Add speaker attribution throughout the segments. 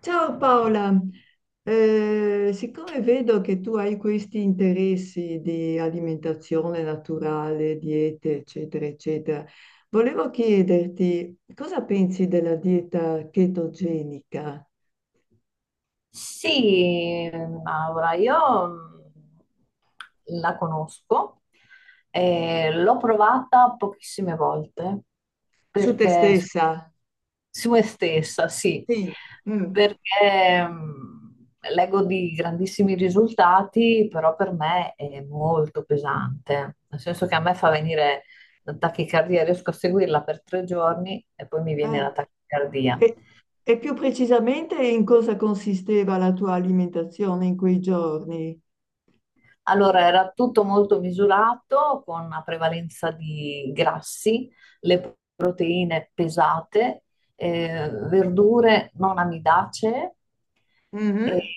Speaker 1: Ciao Paola. Siccome vedo che tu hai questi interessi di alimentazione naturale, diete, eccetera, eccetera, volevo chiederti cosa pensi della dieta chetogenica
Speaker 2: Sì, Maura, io la conosco. L'ho provata pochissime volte,
Speaker 1: su te
Speaker 2: perché
Speaker 1: stessa?
Speaker 2: su me stessa, sì,
Speaker 1: Sì. Mm.
Speaker 2: perché leggo di grandissimi risultati, però per me è molto pesante, nel senso che a me fa venire la tachicardia. Riesco a seguirla per 3 giorni e poi mi viene
Speaker 1: Eh,
Speaker 2: la tachicardia.
Speaker 1: E, e più precisamente in cosa consisteva la tua alimentazione in quei giorni?
Speaker 2: Allora, era tutto molto misurato, con una prevalenza di grassi, le proteine pesate, verdure non amidacee e
Speaker 1: Mhm.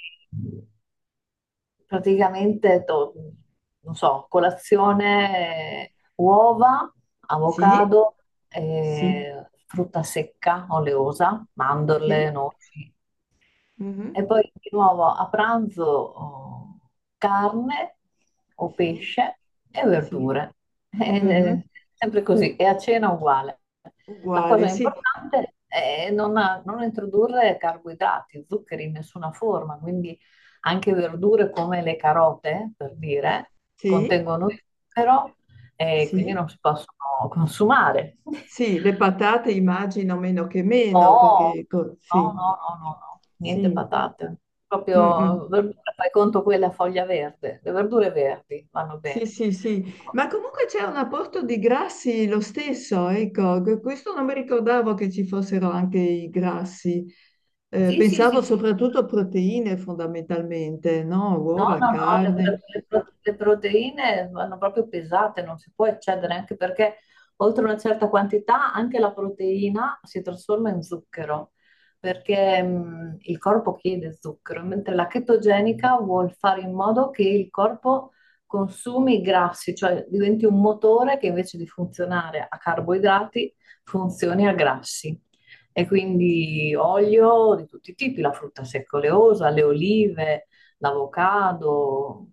Speaker 2: praticamente, non so, colazione, uova,
Speaker 1: Sì,
Speaker 2: avocado,
Speaker 1: sì,
Speaker 2: frutta secca, oleosa,
Speaker 1: sì,
Speaker 2: mandorle, noci. E
Speaker 1: mhm.
Speaker 2: poi di nuovo a pranzo oh, carne o
Speaker 1: Sì,
Speaker 2: pesce e
Speaker 1: sì.
Speaker 2: verdure.
Speaker 1: Mm-hmm.
Speaker 2: Eh, Sempre così. E a cena uguale. La
Speaker 1: Uguale,
Speaker 2: cosa
Speaker 1: sì,
Speaker 2: importante è non introdurre carboidrati, zuccheri in nessuna forma, quindi anche verdure come le carote, per dire,
Speaker 1: sì,
Speaker 2: contengono zucchero e quindi
Speaker 1: sì,
Speaker 2: non si possono consumare.
Speaker 1: sì, le patate immagino meno che meno,
Speaker 2: No,
Speaker 1: perché
Speaker 2: no,
Speaker 1: sì,
Speaker 2: no, no, no, no, niente
Speaker 1: sì,
Speaker 2: patate.
Speaker 1: mm, mm.
Speaker 2: Proprio verdura, fai conto quella foglia verde, le verdure verdi vanno
Speaker 1: Sì,
Speaker 2: bene.
Speaker 1: sì, sì,
Speaker 2: No.
Speaker 1: ma comunque c'è un apporto di grassi lo stesso, ecco, questo non mi ricordavo che ci fossero anche i grassi.
Speaker 2: Sì, sì, sì,
Speaker 1: Pensavo
Speaker 2: sì.
Speaker 1: soprattutto a proteine fondamentalmente, no?
Speaker 2: No,
Speaker 1: Uova,
Speaker 2: no, no,
Speaker 1: carne.
Speaker 2: le pro- le proteine vanno proprio pesate, non si può eccedere, anche perché oltre una certa quantità anche la proteina si trasforma in zucchero, perché il corpo chiede zucchero, mentre la chetogenica vuol fare in modo che il corpo consumi i grassi, cioè diventi un motore che invece di funzionare a carboidrati funzioni a grassi. E quindi olio di tutti i tipi, la frutta secca oleosa, le olive, l'avocado,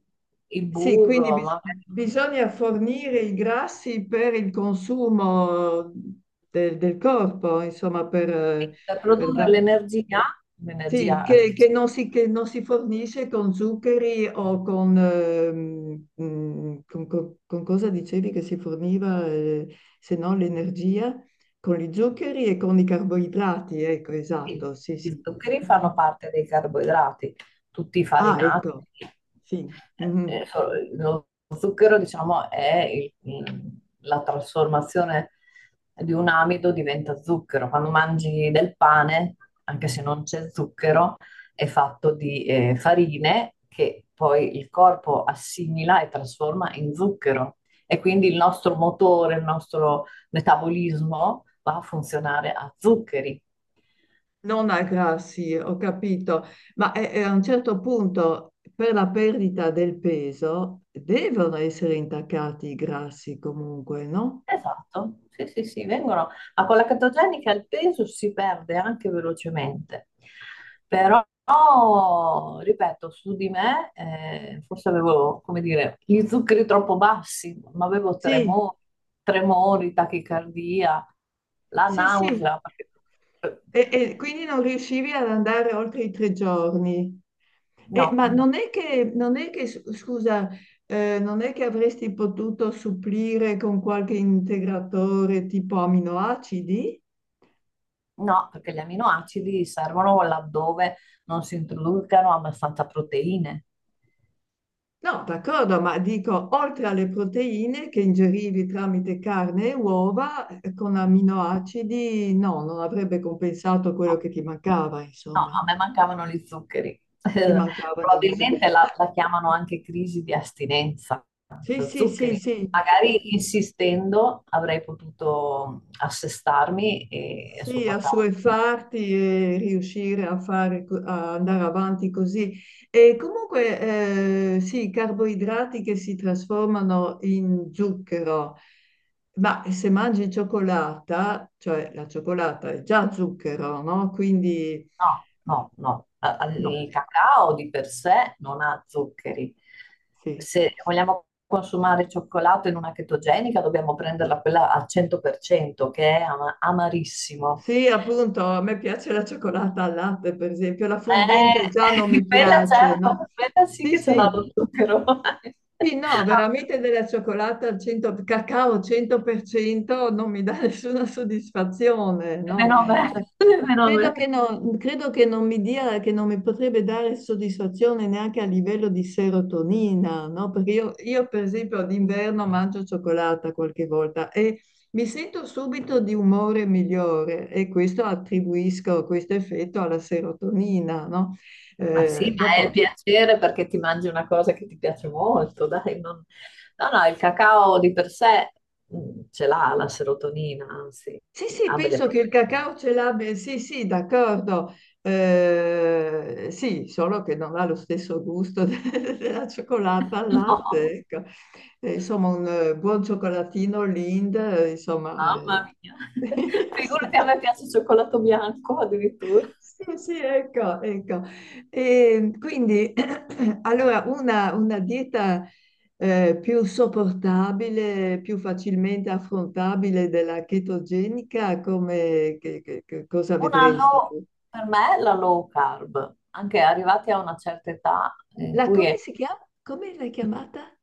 Speaker 2: il
Speaker 1: Sì, quindi
Speaker 2: burro, ma
Speaker 1: bisogna fornire i grassi per il consumo del corpo, insomma,
Speaker 2: per
Speaker 1: per
Speaker 2: produrre l'energia,
Speaker 1: sì,
Speaker 2: l'energia che ci…
Speaker 1: che non si fornisce con zuccheri o con, con, con cosa dicevi che si forniva, se no l'energia, con gli zuccheri e con i carboidrati, ecco,
Speaker 2: Sì,
Speaker 1: esatto, sì,
Speaker 2: gli
Speaker 1: sì.
Speaker 2: zuccheri
Speaker 1: Mhm.
Speaker 2: fanno parte dei carboidrati, tutti i
Speaker 1: Ah,
Speaker 2: farinati.
Speaker 1: ecco, sì. Mhm.
Speaker 2: eh, eh, so- Lo zucchero, diciamo, è la trasformazione di un amido, diventa zucchero. Quando mangi del pane, anche se non c'è zucchero, è fatto di farine che poi il corpo assimila e trasforma in zucchero. E quindi il nostro motore, il nostro metabolismo va a funzionare a zuccheri.
Speaker 1: Non aggrassi, ho capito, ma a un certo punto per la perdita del peso devono essere intaccati i grassi comunque, no?
Speaker 2: Esatto, sì, sì, sì, vengono… a quella catogenica il peso si perde anche velocemente, però ripeto, su di me forse avevo, come dire, gli zuccheri troppo bassi, ma avevo
Speaker 1: Sì,
Speaker 2: tremori, tremori, tachicardia, la
Speaker 1: sì, sì.
Speaker 2: nausea, perché-
Speaker 1: E quindi non riuscivi ad andare oltre i 3 giorni.
Speaker 2: No,
Speaker 1: Ma
Speaker 2: no,
Speaker 1: non è che, non è che, scusa, non è che avresti potuto supplire con qualche integratore tipo aminoacidi?
Speaker 2: no, perché gli aminoacidi servono laddove non si introducano abbastanza proteine.
Speaker 1: No, d'accordo, ma dico, oltre alle proteine che ingerivi tramite carne e uova, con aminoacidi, no, non avrebbe compensato
Speaker 2: No.
Speaker 1: quello che ti mancava,
Speaker 2: No,
Speaker 1: insomma,
Speaker 2: a me mancavano gli zuccheri.
Speaker 1: ti mancavano gli
Speaker 2: Probabilmente
Speaker 1: zuccheri.
Speaker 2: la,
Speaker 1: Ah.
Speaker 2: la chiamano anche crisi di astinenza
Speaker 1: Sì,
Speaker 2: da
Speaker 1: sì, sì,
Speaker 2: zuccheri.
Speaker 1: sì.
Speaker 2: Magari insistendo avrei potuto assestarmi e
Speaker 1: Sì,
Speaker 2: sopportarlo.
Speaker 1: assuefarti e riuscire a fare, a andare avanti così. E comunque, sì, i carboidrati che si trasformano in zucchero, ma se mangi cioccolata, cioè la cioccolata è già zucchero, no? Quindi,
Speaker 2: No, no, no.
Speaker 1: no,
Speaker 2: Il cacao di per sé non ha zuccheri.
Speaker 1: sì.
Speaker 2: Se vogliamo consumare cioccolato in una chetogenica, dobbiamo prenderla quella al 100%, che è amarissimo.
Speaker 1: Sì, appunto, a me piace la cioccolata al latte, per esempio, la fondente già non mi
Speaker 2: Quella
Speaker 1: piace, no?
Speaker 2: certo, quella sì
Speaker 1: Sì,
Speaker 2: che ce l'ha
Speaker 1: sì.
Speaker 2: lo zucchero.
Speaker 1: Sì, no,
Speaker 2: Ah,
Speaker 1: veramente della cioccolata al 100, cacao al 100% non mi dà nessuna soddisfazione, no?
Speaker 2: meno a me,
Speaker 1: Cioè,
Speaker 2: meno a me.
Speaker 1: credo che non mi dia, che non mi potrebbe dare soddisfazione neanche a livello di serotonina, no? Perché io, per esempio d'inverno mangio cioccolata qualche volta e mi sento subito di umore migliore e questo attribuisco questo effetto alla serotonina, no?
Speaker 2: Ma sì, ma è il
Speaker 1: Dopo
Speaker 2: piacere perché ti mangi una cosa che ti piace molto, dai. No, no, il cacao di per sé ce l'ha la serotonina, anzi,
Speaker 1: sì, sì,
Speaker 2: ha delle
Speaker 1: penso che il
Speaker 2: proprietà.
Speaker 1: cacao ce l'abbia, sì, sì, d'accordo. Sì, solo che non ha lo stesso gusto della cioccolata al
Speaker 2: No,
Speaker 1: latte, ecco. Insomma, un buon cioccolatino Lind,
Speaker 2: mamma mia. Figurati, a me piace il cioccolato bianco addirittura.
Speaker 1: sì, sì, ecco, ecco. E quindi, allora, una dieta più sopportabile, più facilmente affrontabile della chetogenica, come, che cosa
Speaker 2: Un
Speaker 1: vedresti
Speaker 2: anno
Speaker 1: tu?
Speaker 2: per me è la low carb, anche arrivati a una certa età in
Speaker 1: La,
Speaker 2: cui
Speaker 1: come
Speaker 2: è…
Speaker 1: si chiama? Come l'hai chiamata?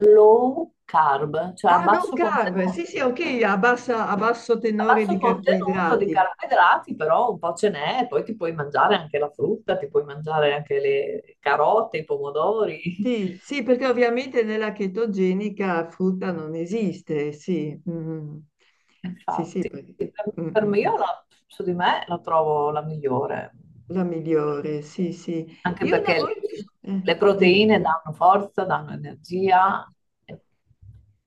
Speaker 2: low carb, cioè
Speaker 1: Ah, non carb, sì, sì, ok, a, a basso
Speaker 2: a
Speaker 1: tenore di
Speaker 2: basso contenuto di
Speaker 1: carboidrati.
Speaker 2: carboidrati, però un po' ce n'è, poi ti puoi mangiare anche la frutta, ti puoi mangiare anche le carote, i pomodori.
Speaker 1: Sì, sì, perché ovviamente nella chetogenica frutta non esiste, sì, mm. Sì, sì,
Speaker 2: Infatti,
Speaker 1: perché-
Speaker 2: per,
Speaker 1: mm,
Speaker 2: per
Speaker 1: mm,
Speaker 2: me
Speaker 1: mm.
Speaker 2: io su di me la trovo la migliore,
Speaker 1: La migliore, sì, sì.
Speaker 2: anche
Speaker 1: Io una
Speaker 2: perché
Speaker 1: volta,
Speaker 2: le
Speaker 1: dimmi.
Speaker 2: proteine danno forza, danno energia e,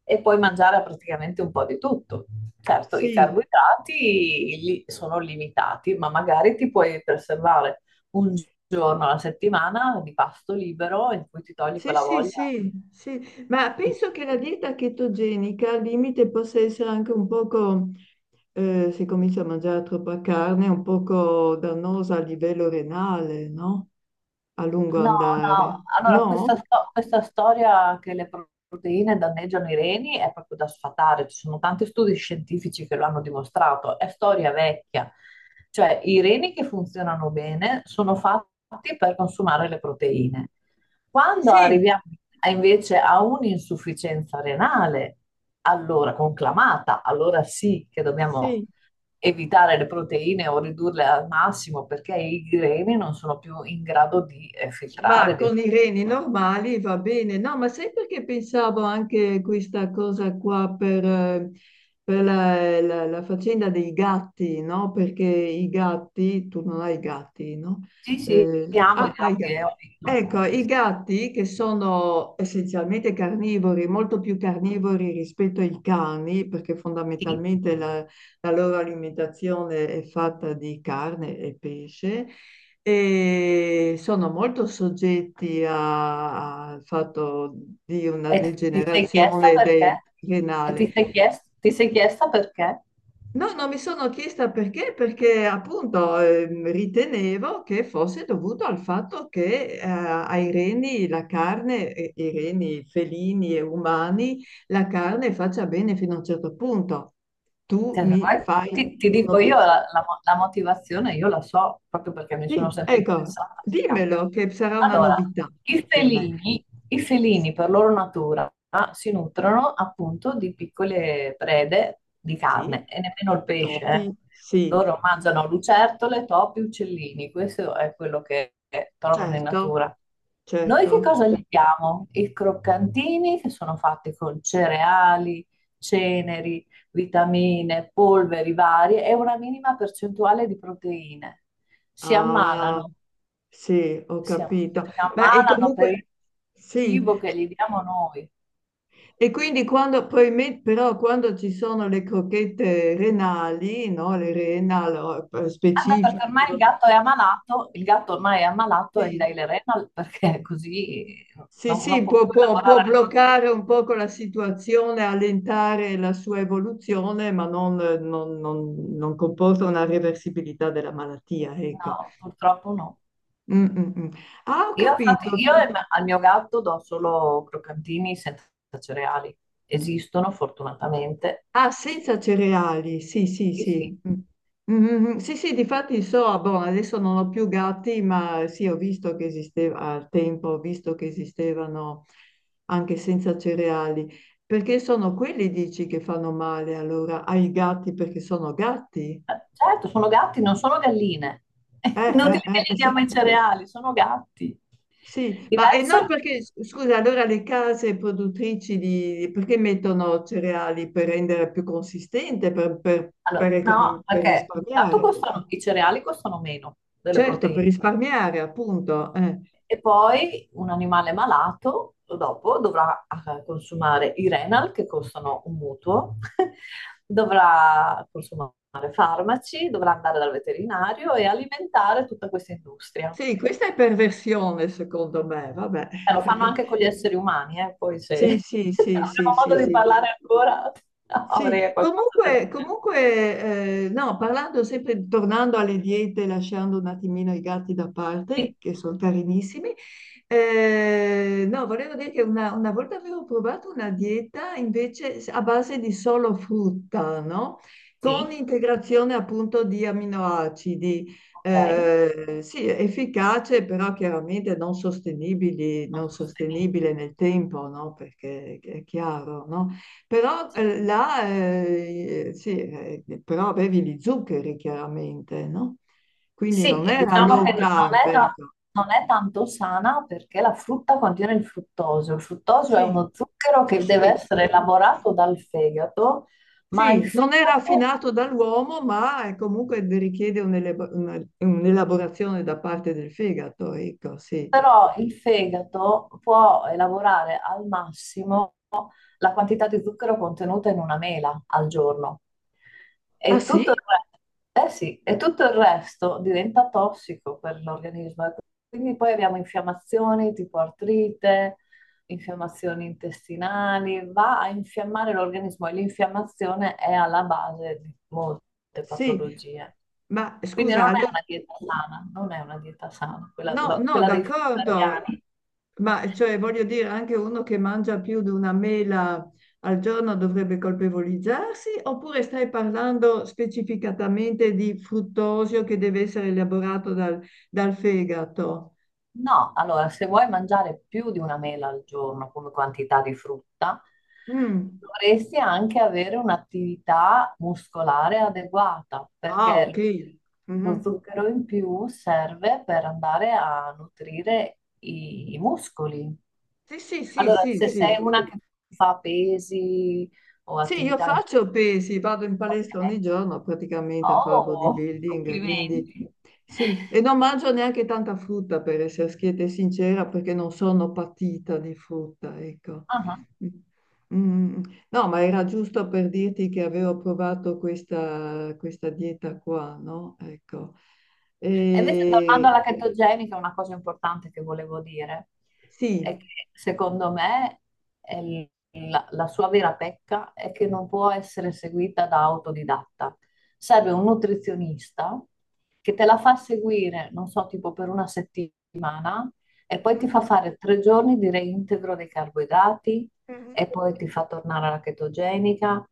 Speaker 2: e puoi mangiare praticamente un po' di tutto. Certo, i
Speaker 1: Sì,
Speaker 2: carboidrati sono limitati, ma magari ti puoi preservare 1 giorno alla settimana di pasto libero in cui ti togli
Speaker 1: sì,
Speaker 2: quella
Speaker 1: sì,
Speaker 2: voglia.
Speaker 1: sì, sì, ma
Speaker 2: di…
Speaker 1: penso che la dieta chetogenica al limite possa essere anche un poco, se comincia a mangiare troppa carne, un poco dannosa a livello renale, no? A lungo
Speaker 2: No,
Speaker 1: andare.
Speaker 2: no, allora
Speaker 1: No?
Speaker 2: questa storia che le proteine danneggiano i reni è proprio da sfatare, ci sono tanti studi scientifici che lo hanno dimostrato, è storia vecchia, cioè i reni che funzionano bene sono fatti per consumare le proteine. Quando
Speaker 1: Sì,
Speaker 2: arriviamo invece a un'insufficienza renale, allora conclamata, allora sì che dobbiamo
Speaker 1: sì.
Speaker 2: evitare le proteine o ridurle al massimo perché i greni non sono più in grado di
Speaker 1: Ma
Speaker 2: filtrare.
Speaker 1: con i reni normali va bene, no, ma sai perché pensavo anche questa cosa qua per la faccenda dei gatti, no? Perché i gatti, tu non hai gatti, no?
Speaker 2: Sì, sì, amo i
Speaker 1: Ah, hai
Speaker 2: gatti
Speaker 1: gatti.
Speaker 2: e ho detto
Speaker 1: Ecco,
Speaker 2: gatti.
Speaker 1: i gatti che sono essenzialmente carnivori, molto più carnivori rispetto ai cani, perché
Speaker 2: Sì.
Speaker 1: fondamentalmente la loro alimentazione è fatta di carne e pesce e sono molto soggetti al fatto di una
Speaker 2: E ti sei chiesta
Speaker 1: degenerazione
Speaker 2: perché? E ti
Speaker 1: renale.
Speaker 2: sei chiesta perché?
Speaker 1: No, non mi sono chiesta perché, perché appunto ritenevo che fosse dovuto al fatto che ai reni la carne, i reni felini e umani, la carne faccia bene fino a un certo punto. Tu
Speaker 2: Cioè, se
Speaker 1: mi
Speaker 2: vuoi,
Speaker 1: fai
Speaker 2: ti dico io
Speaker 1: un'obiezione.
Speaker 2: la motivazione, io la so proprio perché mi sono
Speaker 1: Sì,
Speaker 2: sempre
Speaker 1: ecco,
Speaker 2: interessata ai gatti.
Speaker 1: dimmelo che sarà una
Speaker 2: Allora,
Speaker 1: novità
Speaker 2: i
Speaker 1: per me.
Speaker 2: felini, i felini per loro natura ah, si nutrono appunto di piccole prede di
Speaker 1: Sì,
Speaker 2: carne e nemmeno il
Speaker 1: Top.
Speaker 2: pesce.
Speaker 1: Topi, sì.
Speaker 2: Loro mangiano lucertole, topi, uccellini, questo è quello che trovano in
Speaker 1: Certo.
Speaker 2: natura. Noi che
Speaker 1: Certo.
Speaker 2: cosa gli diamo? I croccantini, che sono fatti con cereali, ceneri, vitamine, polveri varie e una minima percentuale di proteine. Si
Speaker 1: Ah,
Speaker 2: ammalano,
Speaker 1: sì, ho
Speaker 2: si am-
Speaker 1: capito.
Speaker 2: si
Speaker 1: Ma e
Speaker 2: ammalano per
Speaker 1: comunque,
Speaker 2: il
Speaker 1: sì,
Speaker 2: cibo che gli diamo noi.
Speaker 1: e quindi quando, probabilmente, però quando ci sono le crochette renali, no, le renal
Speaker 2: Ah, beh, perché
Speaker 1: specifiche,
Speaker 2: ormai il gatto è ammalato, il gatto ormai è ammalato e gli
Speaker 1: sì,
Speaker 2: dai le renal perché così
Speaker 1: sì,
Speaker 2: non, non
Speaker 1: sì,
Speaker 2: può
Speaker 1: può,
Speaker 2: più
Speaker 1: può
Speaker 2: lavorare le proteine.
Speaker 1: bloccare un poco la situazione, allentare la sua evoluzione, ma non, non comporta una reversibilità della malattia, ecco.
Speaker 2: No, purtroppo no.
Speaker 1: Mm, mm, mm. Ah, ho
Speaker 2: Io, infatti,
Speaker 1: capito.
Speaker 2: al mio gatto do solo croccantini senza cereali. Esistono fortunatamente.
Speaker 1: Ah, senza cereali, sì, sì,
Speaker 2: Sì, sì.
Speaker 1: sì. Mm. Mm, mm, mm. Sì, sì, difatti so, ah, boh, adesso non ho più gatti, ma sì, ho visto che esisteva al tempo, ho visto che esistevano anche senza cereali. Perché sono quelli, dici, che fanno male allora ai gatti perché sono gatti?
Speaker 2: Certo, sono gatti, non sono galline. È
Speaker 1: Eh,
Speaker 2: inutile che
Speaker 1: eh,
Speaker 2: gli
Speaker 1: eh,
Speaker 2: diamo
Speaker 1: sì.
Speaker 2: i cereali, sono gatti.
Speaker 1: Sì, ma e noi
Speaker 2: Diverso?
Speaker 1: perché, scusa, allora le case produttrici di, perché mettono cereali per rendere più consistente, per, per
Speaker 2: Allora, no,
Speaker 1: per
Speaker 2: perché tanto
Speaker 1: risparmiare?
Speaker 2: costano, i cereali costano meno delle
Speaker 1: Certo, per
Speaker 2: proteine.
Speaker 1: risparmiare, appunto.
Speaker 2: E poi un animale malato dopo dovrà consumare i renal che costano un mutuo, dovrà consumare farmaci, dovrà andare dal veterinario e alimentare tutta questa industria.
Speaker 1: Sì, questa è perversione, secondo me, vabbè.
Speaker 2: Lo fanno anche con gli esseri umani, poi se
Speaker 1: Sì, sì, sì, sì,
Speaker 2: avremo
Speaker 1: sì,
Speaker 2: modo di
Speaker 1: sì.
Speaker 2: parlare ancora
Speaker 1: Sì,
Speaker 2: avrei qualcosa da
Speaker 1: comunque,
Speaker 2: dire.
Speaker 1: comunque no, parlando sempre, tornando alle diete, lasciando un attimino i gatti da parte,
Speaker 2: Sì,
Speaker 1: che sono carinissimi, no, volevo dire che una volta avevo provato una dieta invece a base di solo frutta, no? Con
Speaker 2: sì,
Speaker 1: integrazione appunto di aminoacidi,
Speaker 2: ok,
Speaker 1: sì, efficace, però chiaramente non sostenibili,
Speaker 2: non
Speaker 1: non
Speaker 2: sostenibile.
Speaker 1: sostenibile nel tempo, no? Perché è chiaro, no? Però
Speaker 2: Sì.
Speaker 1: là, però avevi gli zuccheri chiaramente, no? Quindi
Speaker 2: Sì,
Speaker 1: non
Speaker 2: e
Speaker 1: era
Speaker 2: diciamo
Speaker 1: low
Speaker 2: che
Speaker 1: carb, ecco.
Speaker 2: non è tanto sana perché la frutta contiene il fruttosio. Il fruttosio è
Speaker 1: Sì,
Speaker 2: uno zucchero
Speaker 1: sì,
Speaker 2: che deve
Speaker 1: sì.
Speaker 2: essere elaborato dal fegato, ma il
Speaker 1: Sì, non è
Speaker 2: fegato,
Speaker 1: raffinato dall'uomo, ma comunque richiede un'elaborazione da parte del fegato, ecco, sì.
Speaker 2: però il fegato può elaborare al massimo la quantità di zucchero contenuta in 1 mela al giorno.
Speaker 1: Ah
Speaker 2: E
Speaker 1: sì?
Speaker 2: tutto eh sì, e tutto il resto diventa tossico per l'organismo. E quindi poi abbiamo infiammazioni tipo artrite, infiammazioni intestinali, va a infiammare l'organismo e l'infiammazione è alla base di molte
Speaker 1: Sì.
Speaker 2: patologie.
Speaker 1: Ma
Speaker 2: Quindi
Speaker 1: scusa,
Speaker 2: non è
Speaker 1: allora
Speaker 2: una dieta sana, non è una dieta sana, quella,
Speaker 1: no, no,
Speaker 2: quella dei
Speaker 1: d'accordo,
Speaker 2: vegetariani.
Speaker 1: ma cioè voglio dire, anche uno che mangia più di una mela al giorno dovrebbe colpevolizzarsi, oppure stai parlando specificatamente di fruttosio che deve essere elaborato dal, dal fegato?
Speaker 2: No, allora, se vuoi mangiare più di 1 mela al giorno come quantità di frutta,
Speaker 1: Mm.
Speaker 2: dovresti anche avere un'attività muscolare adeguata,
Speaker 1: Ah, ok.
Speaker 2: perché lo
Speaker 1: Mhm.
Speaker 2: zucchero in più serve per andare a nutrire i muscoli.
Speaker 1: Sì, sì, sì,
Speaker 2: Allora,
Speaker 1: sì,
Speaker 2: se sei
Speaker 1: sì.
Speaker 2: una che fa pesi o
Speaker 1: Sì, io
Speaker 2: attività,
Speaker 1: faccio pesi, vado in
Speaker 2: ok,
Speaker 1: palestra ogni giorno praticamente a fare
Speaker 2: oh,
Speaker 1: bodybuilding, quindi
Speaker 2: complimenti.
Speaker 1: sì, e non mangio neanche tanta frutta per essere schietta e sincera, perché non sono patita di frutta, ecco.
Speaker 2: Ah.
Speaker 1: Mm, no, ma era giusto per dirti che avevo provato questa dieta qua, no? Ecco.
Speaker 2: E invece, tornando
Speaker 1: E,
Speaker 2: alla chetogenica, una cosa importante che volevo dire è
Speaker 1: sì.
Speaker 2: che secondo me è la sua vera pecca è che non può essere seguita da autodidatta. Serve un nutrizionista che te la fa seguire, non so, tipo per 1 settimana e poi
Speaker 1: Mhm,
Speaker 2: ti fa fare 3 giorni di reintegro dei carboidrati
Speaker 1: mhm.
Speaker 2: e poi ti fa tornare alla chetogenica.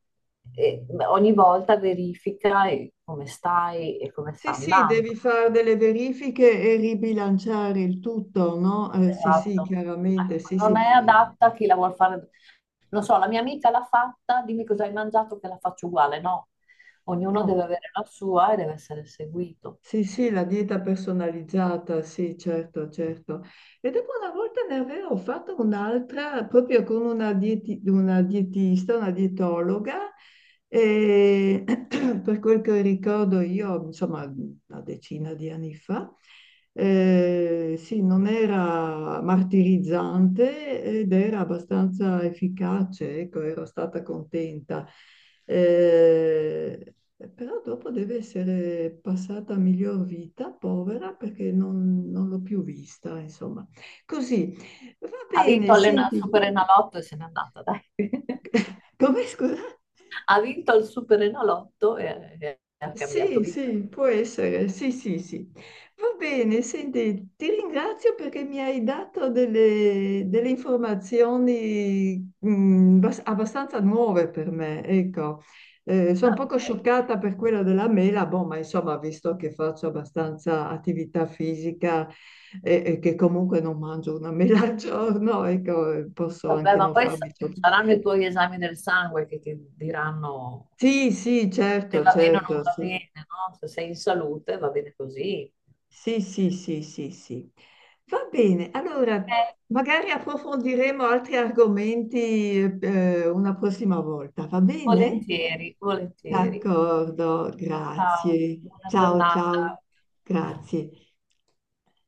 Speaker 2: E ogni volta verifica come stai e come
Speaker 1: Sì,
Speaker 2: sta
Speaker 1: sì,
Speaker 2: andando.
Speaker 1: devi fare delle verifiche e ribilanciare il tutto, no? Sì, sì,
Speaker 2: Esatto.
Speaker 1: chiaramente,
Speaker 2: Ecco,
Speaker 1: sì, sì.
Speaker 2: non è adatta a chi la vuol fare. Non so, la mia amica l'ha fatta, dimmi cosa hai mangiato che la faccio uguale. No, ognuno
Speaker 1: No,
Speaker 2: deve avere la sua e deve essere seguito.
Speaker 1: sì, sì, la dieta personalizzata, sì, certo, certo. E dopo una volta ne avevo fatto un'altra proprio con una, una dietista, una dietologa, e per quel che ricordo io, insomma, una decina di anni fa, sì, non era martirizzante ed era abbastanza efficace, ecco, ero stata contenta. Eh, Però dopo deve essere passata a miglior vita, povera, perché non, non l'ho più vista, insomma. Così, va
Speaker 2: Ha
Speaker 1: bene,
Speaker 2: vinto il
Speaker 1: senti,
Speaker 2: Super Enalotto e se n'è andata, dai.
Speaker 1: come scusa?
Speaker 2: Ha vinto il Super Enalotto e ha cambiato
Speaker 1: Sì,
Speaker 2: vita.
Speaker 1: sì, può essere, sì, sì, sì. Va bene, senti, ti ringrazio perché mi hai dato delle, delle informazioni abbastanza nuove per me, ecco. Sono un
Speaker 2: Ah,
Speaker 1: poco
Speaker 2: ok.
Speaker 1: scioccata per quella della mela, boh, ma insomma, visto che faccio abbastanza attività fisica e che comunque non mangio una mela al giorno, ecco, posso
Speaker 2: Vabbè,
Speaker 1: anche
Speaker 2: ma
Speaker 1: non
Speaker 2: poi
Speaker 1: farmi.
Speaker 2: saranno i tuoi esami del sangue che ti diranno
Speaker 1: Sì, sì,
Speaker 2: se
Speaker 1: certo,
Speaker 2: va bene o non
Speaker 1: certo,
Speaker 2: va
Speaker 1: sì.
Speaker 2: bene, no? Se sei in salute va bene così.
Speaker 1: Sì, sì, sì, sì, sì. Va bene, allora
Speaker 2: Eh,
Speaker 1: magari approfondiremo altri argomenti una prossima volta, va bene?
Speaker 2: volentieri, volentieri.
Speaker 1: D'accordo,
Speaker 2: Ciao,
Speaker 1: grazie.
Speaker 2: buona
Speaker 1: Ciao, ciao,
Speaker 2: giornata.
Speaker 1: grazie.